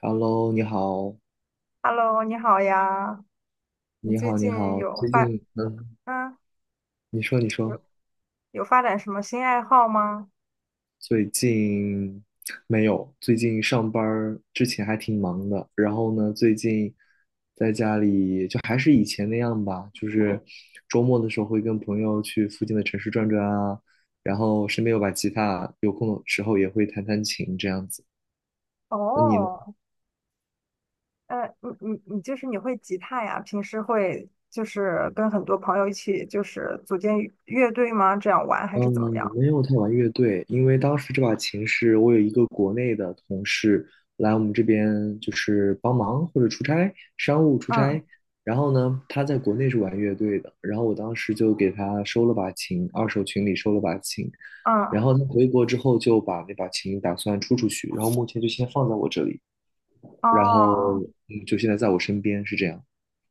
Hello，你好，Hello，你好呀，你你最好，你近好。有最发近，嗯你说，有有发展什么新爱好吗？最近没有，最近上班儿之前还挺忙的，然后呢，最近在家里就还是以前那样吧，就是周末的时候会跟朋友去附近的城市转转啊，然后身边有把吉他，有空的时候也会弹弹琴这样子。那你呢？哦，呃，你就是你会吉他呀？平时会就是跟很多朋友一起就是组建乐队吗？这样玩还是嗯，怎么样？没有太玩乐队，因为当时这把琴是我有一个国内的同事来我们这边就是帮忙或者出差，商务出嗯。差。然后呢，他在国内是玩乐队的，然后我当时就给他收了把琴，二手群里收了把琴。嗯。然后他回国之后就把那把琴打算出去，然后目前就先放在我这里，然后哦。就现在在我身边是这样。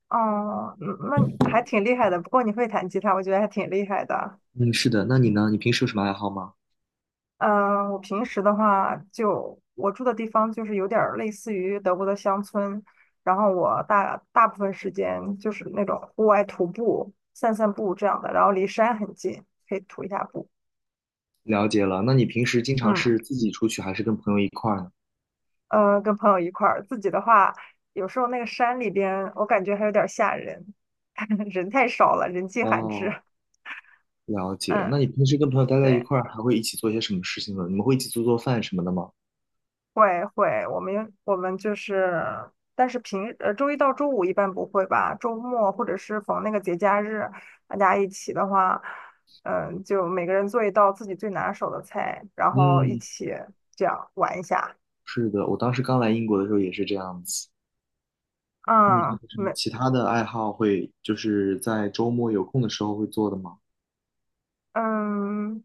哦，嗯那还挺厉害的。不过你会弹吉他，我觉得还挺厉害的。嗯，是的，那你呢？你平时有什么爱好吗？嗯，我平时的话就，我住的地方就是有点儿类似于德国的乡村，然后我大部分时间就是那种户外徒步、散散步这样的，然后离山很近，可以徒一下步。了解了，那你平时经常嗯，是自己出去还是跟朋友一块儿呢？跟朋友一块儿，自己的话，有时候那个山里边，我感觉还有点儿吓人，人太少了，人迹罕哦，至。了解。那嗯，你平时跟朋友待在一对。块儿，还会一起做些什么事情呢？你们会一起做做饭什么的吗？会会，我们就是，但是周一到周五一般不会吧，周末或者是逢那个节假日，大家一起的话，嗯，就每个人做一道自己最拿手的菜，然后一嗯，起这样玩一下。是的，我当时刚来英国的时候也是这样子。嗯，有嗯，什么没，其他的爱好会，就是在周末有空的时候会做的吗？嗯。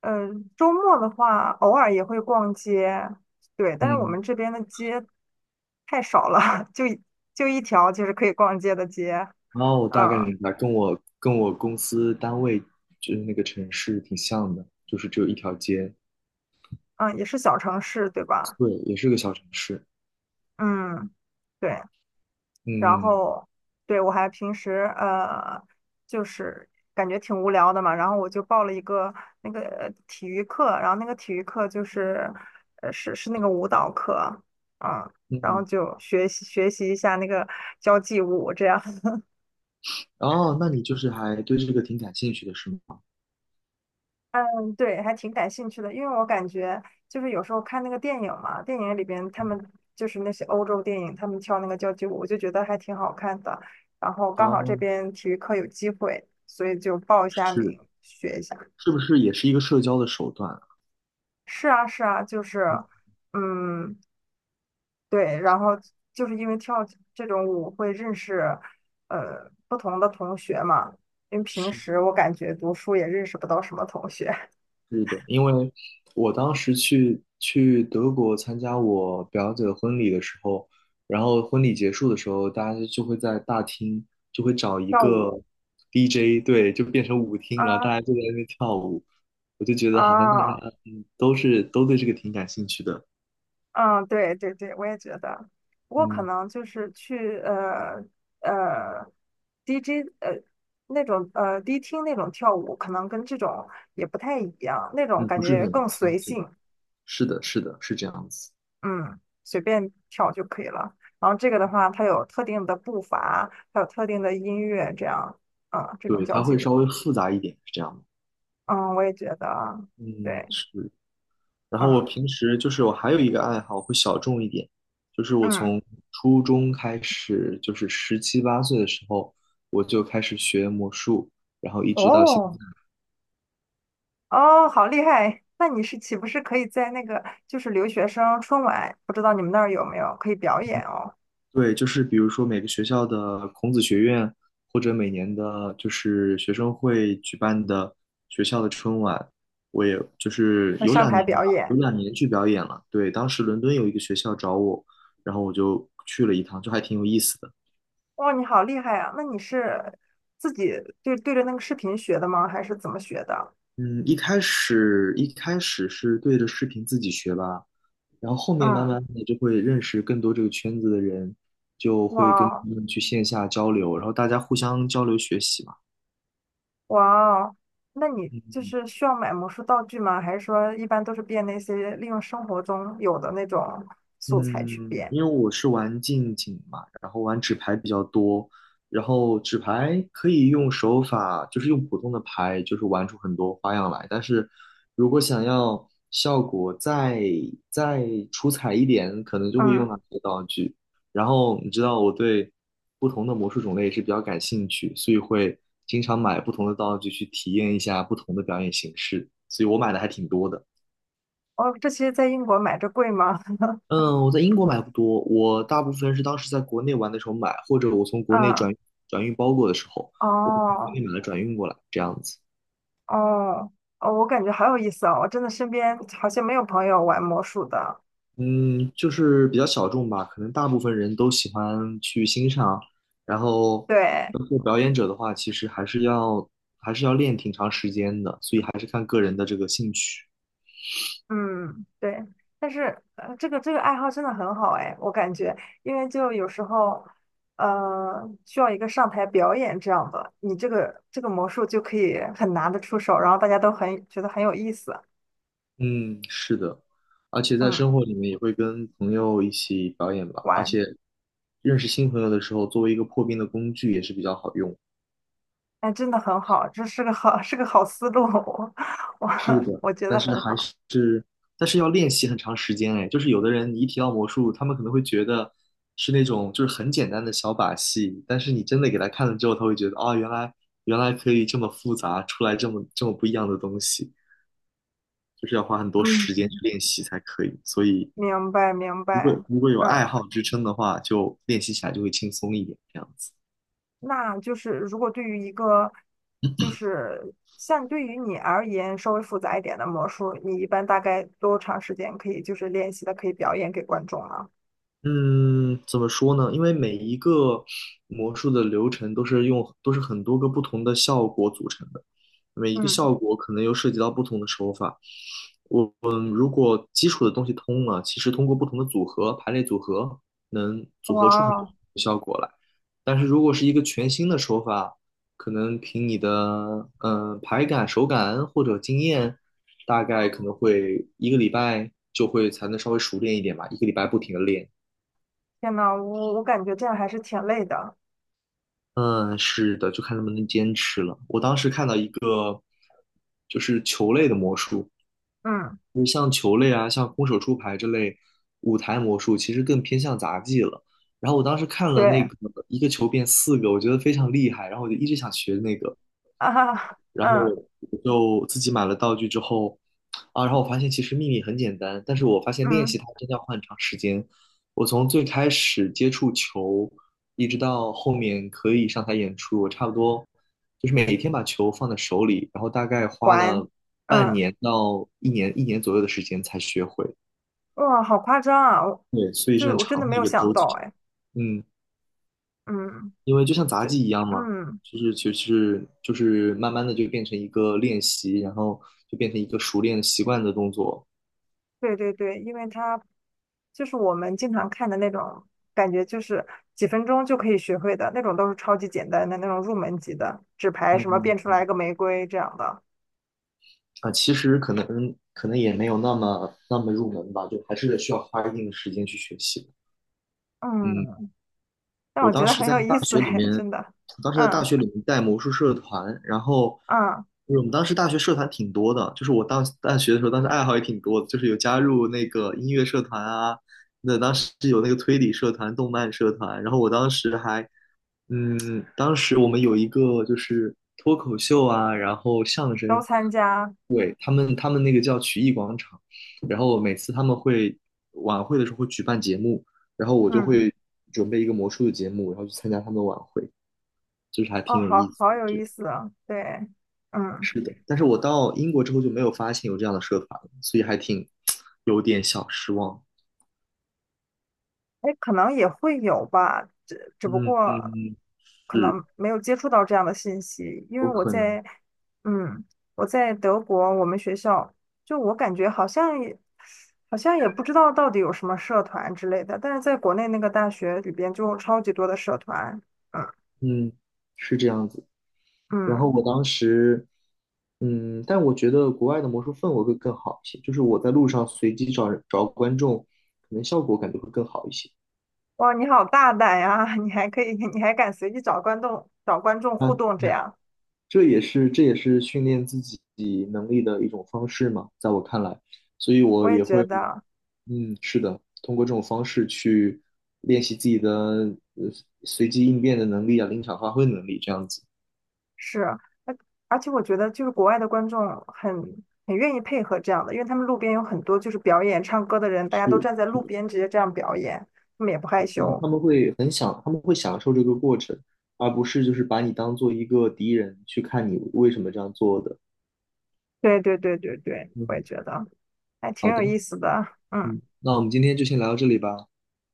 嗯，周末的话，偶尔也会逛街，对，但是我嗯，们这边的街太少了，就一条就是可以逛街的街，哦，我大概嗯。明白，跟我公司单位就是那个城市挺像的，就是只有一条街，嗯，也是小城市，对吧？对，也是个小城市。嗯，对，然嗯后对我还平时,就是感觉挺无聊的嘛，然后我就报了一个那个体育课，然后那个体育课就是是那个舞蹈课，嗯，嗯，然后嗯，就学习学习一下那个交际舞这样。哦，那你就是还对这个挺感兴趣的是吗？嗯，对，还挺感兴趣的，因为我感觉就是有时候看那个电影嘛，电影里边他嗯，们就是那些欧洲电影，他们跳那个交际舞，我就觉得还挺好看的。然后刚好这哦，边体育课有机会，所以就报一下名是。学一下。是不是也是一个社交的手段啊？是啊，是啊，就是，嗯，嗯，对，然后就是因为跳这种舞会认识不同的同学嘛，因为平是的，时我感觉读书也认识不到什么同学，是的，因为我当时去德国参加我表姐的婚礼的时候，然后婚礼结束的时候，大家就会在大厅就会找 一跳个 舞 DJ，对，就变成舞厅，然后大家啊。就在那边跳舞，我就觉得好像大家啊。都对这个挺感兴趣的，嗯，对对对，我也觉得。不过可嗯能就是去呃 DJ 那种迪厅那种跳舞，可能跟这种也不太一样，那种嗯，感不是觉很更随相信，性，是的，是的，是这样子，嗯，随便跳就可以了。然后这个的话，它有特定的步伐，还有特定的音乐，这样，嗯，这种对，交它际会稍舞，微复杂一点，是这样的，嗯，我也觉得，嗯，对，是。然后嗯。我平时就是我还有一个爱好会小众一点，就是我嗯，从初中开始，就是十七八岁的时候，我就开始学魔术，然后一直到现在。哦，哦，好厉害！那你是岂不是可以在那个就是留学生春晚，不知道你们那儿有没有可以表演哦？对，就是比如说每个学校的孔子学院，或者每年的就是学生会举办的学校的春晚，我也就是那有上两台年表吧，有演，两年去表演了。对，当时伦敦有一个学校找我，然后我就去了一趟，就还挺有意思的。哇，你好厉害啊！那你是自己对对着那个视频学的吗？还是怎么学的？嗯，一开始是对着视频自己学吧，然后后面慢嗯，慢的就会认识更多这个圈子的人，就哇会跟他哦。们去线下交流，然后大家互相交流学习嘛。哇哦，那你嗯就是需要买魔术道具吗？还是说一般都是变那些利用生活中有的那种素材去嗯，变？因为我是玩近景嘛，然后玩纸牌比较多，然后纸牌可以用手法，就是用普通的牌，就是玩出很多花样来。但是如果想要效果再出彩一点，可能就会用嗯，到这些道具。然后你知道我对不同的魔术种类也是比较感兴趣，所以会经常买不同的道具去体验一下不同的表演形式，所以我买的还挺多的。哦，这些在英国买着贵吗？嗯，我在英国买不多，我大部分是当时在国内玩的时候买，或者我从 国内嗯，转运包裹的时候，我会从国哦。内买了转运过来，这样子。哦，哦，我感觉好有意思哦！我真的身边好像没有朋友玩魔术的。嗯，就是比较小众吧，可能大部分人都喜欢去欣赏，然后对，做表演者的话，其实还是要练挺长时间的，所以还是看个人的这个兴趣。嗯，对。但是，这个爱好真的很好哎，我感觉，因为就有时候，需要一个上台表演这样的，你这个魔术就可以很拿得出手，然后大家都很觉得很有意思，嗯，是的，而且在生嗯，活里面也会跟朋友一起表演吧，而玩，且认识新朋友的时候，作为一个破冰的工具也是比较好用。哎，真的很好，这是个好 是个好思路，我是我的，我觉但得是很还好，是，但是要练习很长时间哎，就是有的人你一提到魔术，他们可能会觉得是那种就是很简单的小把戏，但是你真的给他看了之后，他会觉得啊、原来可以这么复杂，出来这么不一样的东西，就是要花很多时间去嗯，练习才可以，所以明白明如果白，如果有爱嗯。好支撑的话，就练习起来就会轻松一点，这样子。那就是如果对于一个就是像对于你而言稍微复杂一点的魔术，你一般大概多长时间可以就是练习的，可以表演给观众呢？嗯，怎么说呢？因为每一个魔术的流程都是很多个不同的效果组成的，每一个嗯，效果可能又涉及到不同的手法，我们如果基础的东西通了，其实通过不同的组合、排列组合，能组哇合出很多哦，效果来。但是如果是一个全新的手法，可能凭你的排感、手感或者经验，大概可能会一个礼拜就会才能稍微熟练一点吧，一个礼拜不停的练。天呐，我感觉这样还是挺累的。嗯，是的，就看能不能坚持了。我当时看到一个就是球类的魔术，嗯，就像球类啊，像空手出牌这类舞台魔术，其实更偏向杂技了。然后我当时看了那对个一个球变四个，我觉得非常厉害，然后我就一直想学那个。啊，然后嗯。我就自己买了道具之后，啊，然后我发现其实秘密很简单，但是我发现练习嗯，它真的要花很长时间。我从最开始接触球，一直到后面可以上台演出，我差不多就是每天把球放在手里，然后大概花还，了半嗯，年到一年左右的时间才学会。哇，好夸张啊！对，所以是很我真的长没的一有个想周期。到，哎，嗯。嗯，因为就像杂这，技一样嘛，嗯，就是其实就是慢慢的就变成一个练习，然后就变成一个熟练习惯的动作。对对对，因为它就是我们经常看的那种，感觉就是几分钟就可以学会的那种，都是超级简单的那种入门级的纸牌，什么嗯，变出来一个玫瑰这样的。啊，其实可能也没有那么入门吧，就还是需要花一定的时间去学习的，嗯，嗯，但我我觉当得时很在有大意思学里哎，面，真的。我当时在大嗯。学里面带魔术社团，然后嗯，就是我们当时大学社团挺多的，就是我当大学的时候，当时爱好也挺多的，就是有加入那个音乐社团啊，那当时有那个推理社团、动漫社团，然后我当时还，当时我们有一个就是脱口秀啊，然后相都声，参加。对，他们那个叫曲艺广场，然后每次他们会晚会的时候会举办节目。然后我就嗯，会准备一个魔术的节目，然后去参加他们的晚会，就是还哦，挺有好意思好的，我有觉意得。思啊。对，嗯。是的，但是我到英国之后就没有发现有这样的社团了，所以还挺 有点小失望。哎，可能也会有吧，只不嗯过嗯，可是能没有接触到这样的信息，因为有我可能，在，嗯，我在德国，我们学校就我感觉好像也不知道到底有什么社团之类的，但是在国内那个大学里边就有超级多的社团，嗯。嗯，是这样子。然后嗯，我当时，但我觉得国外的魔术氛围会更好一些，就是我在路上随机找人找观众，可能效果感觉会更好一些。哇，你好大胆呀，你还可以，你还敢随意找观众啊，互动这 样，这也是训练自己能力的一种方式嘛，在我看来，所以我我也也觉会，得。嗯，是的，通过这种方式去练习自己的呃随机应变的能力啊，临场发挥的能力这样子。是，而而且我觉得就是国外的观众很很愿意配合这样的，因为他们路边有很多就是表演唱歌的人，大家都是站在是路的，边直接这样表演，他们也不是害的，他们羞。他们会很享，他们会享受这个过程，而不是就是把你当做一个敌人去看你为什么这样做的。对对对对对，我也嗯，觉得还好挺有的，意思的。嗯，嗯，那我们今天就先聊到这里吧。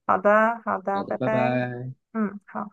好的好好的，拜的，拜拜。拜。嗯，好。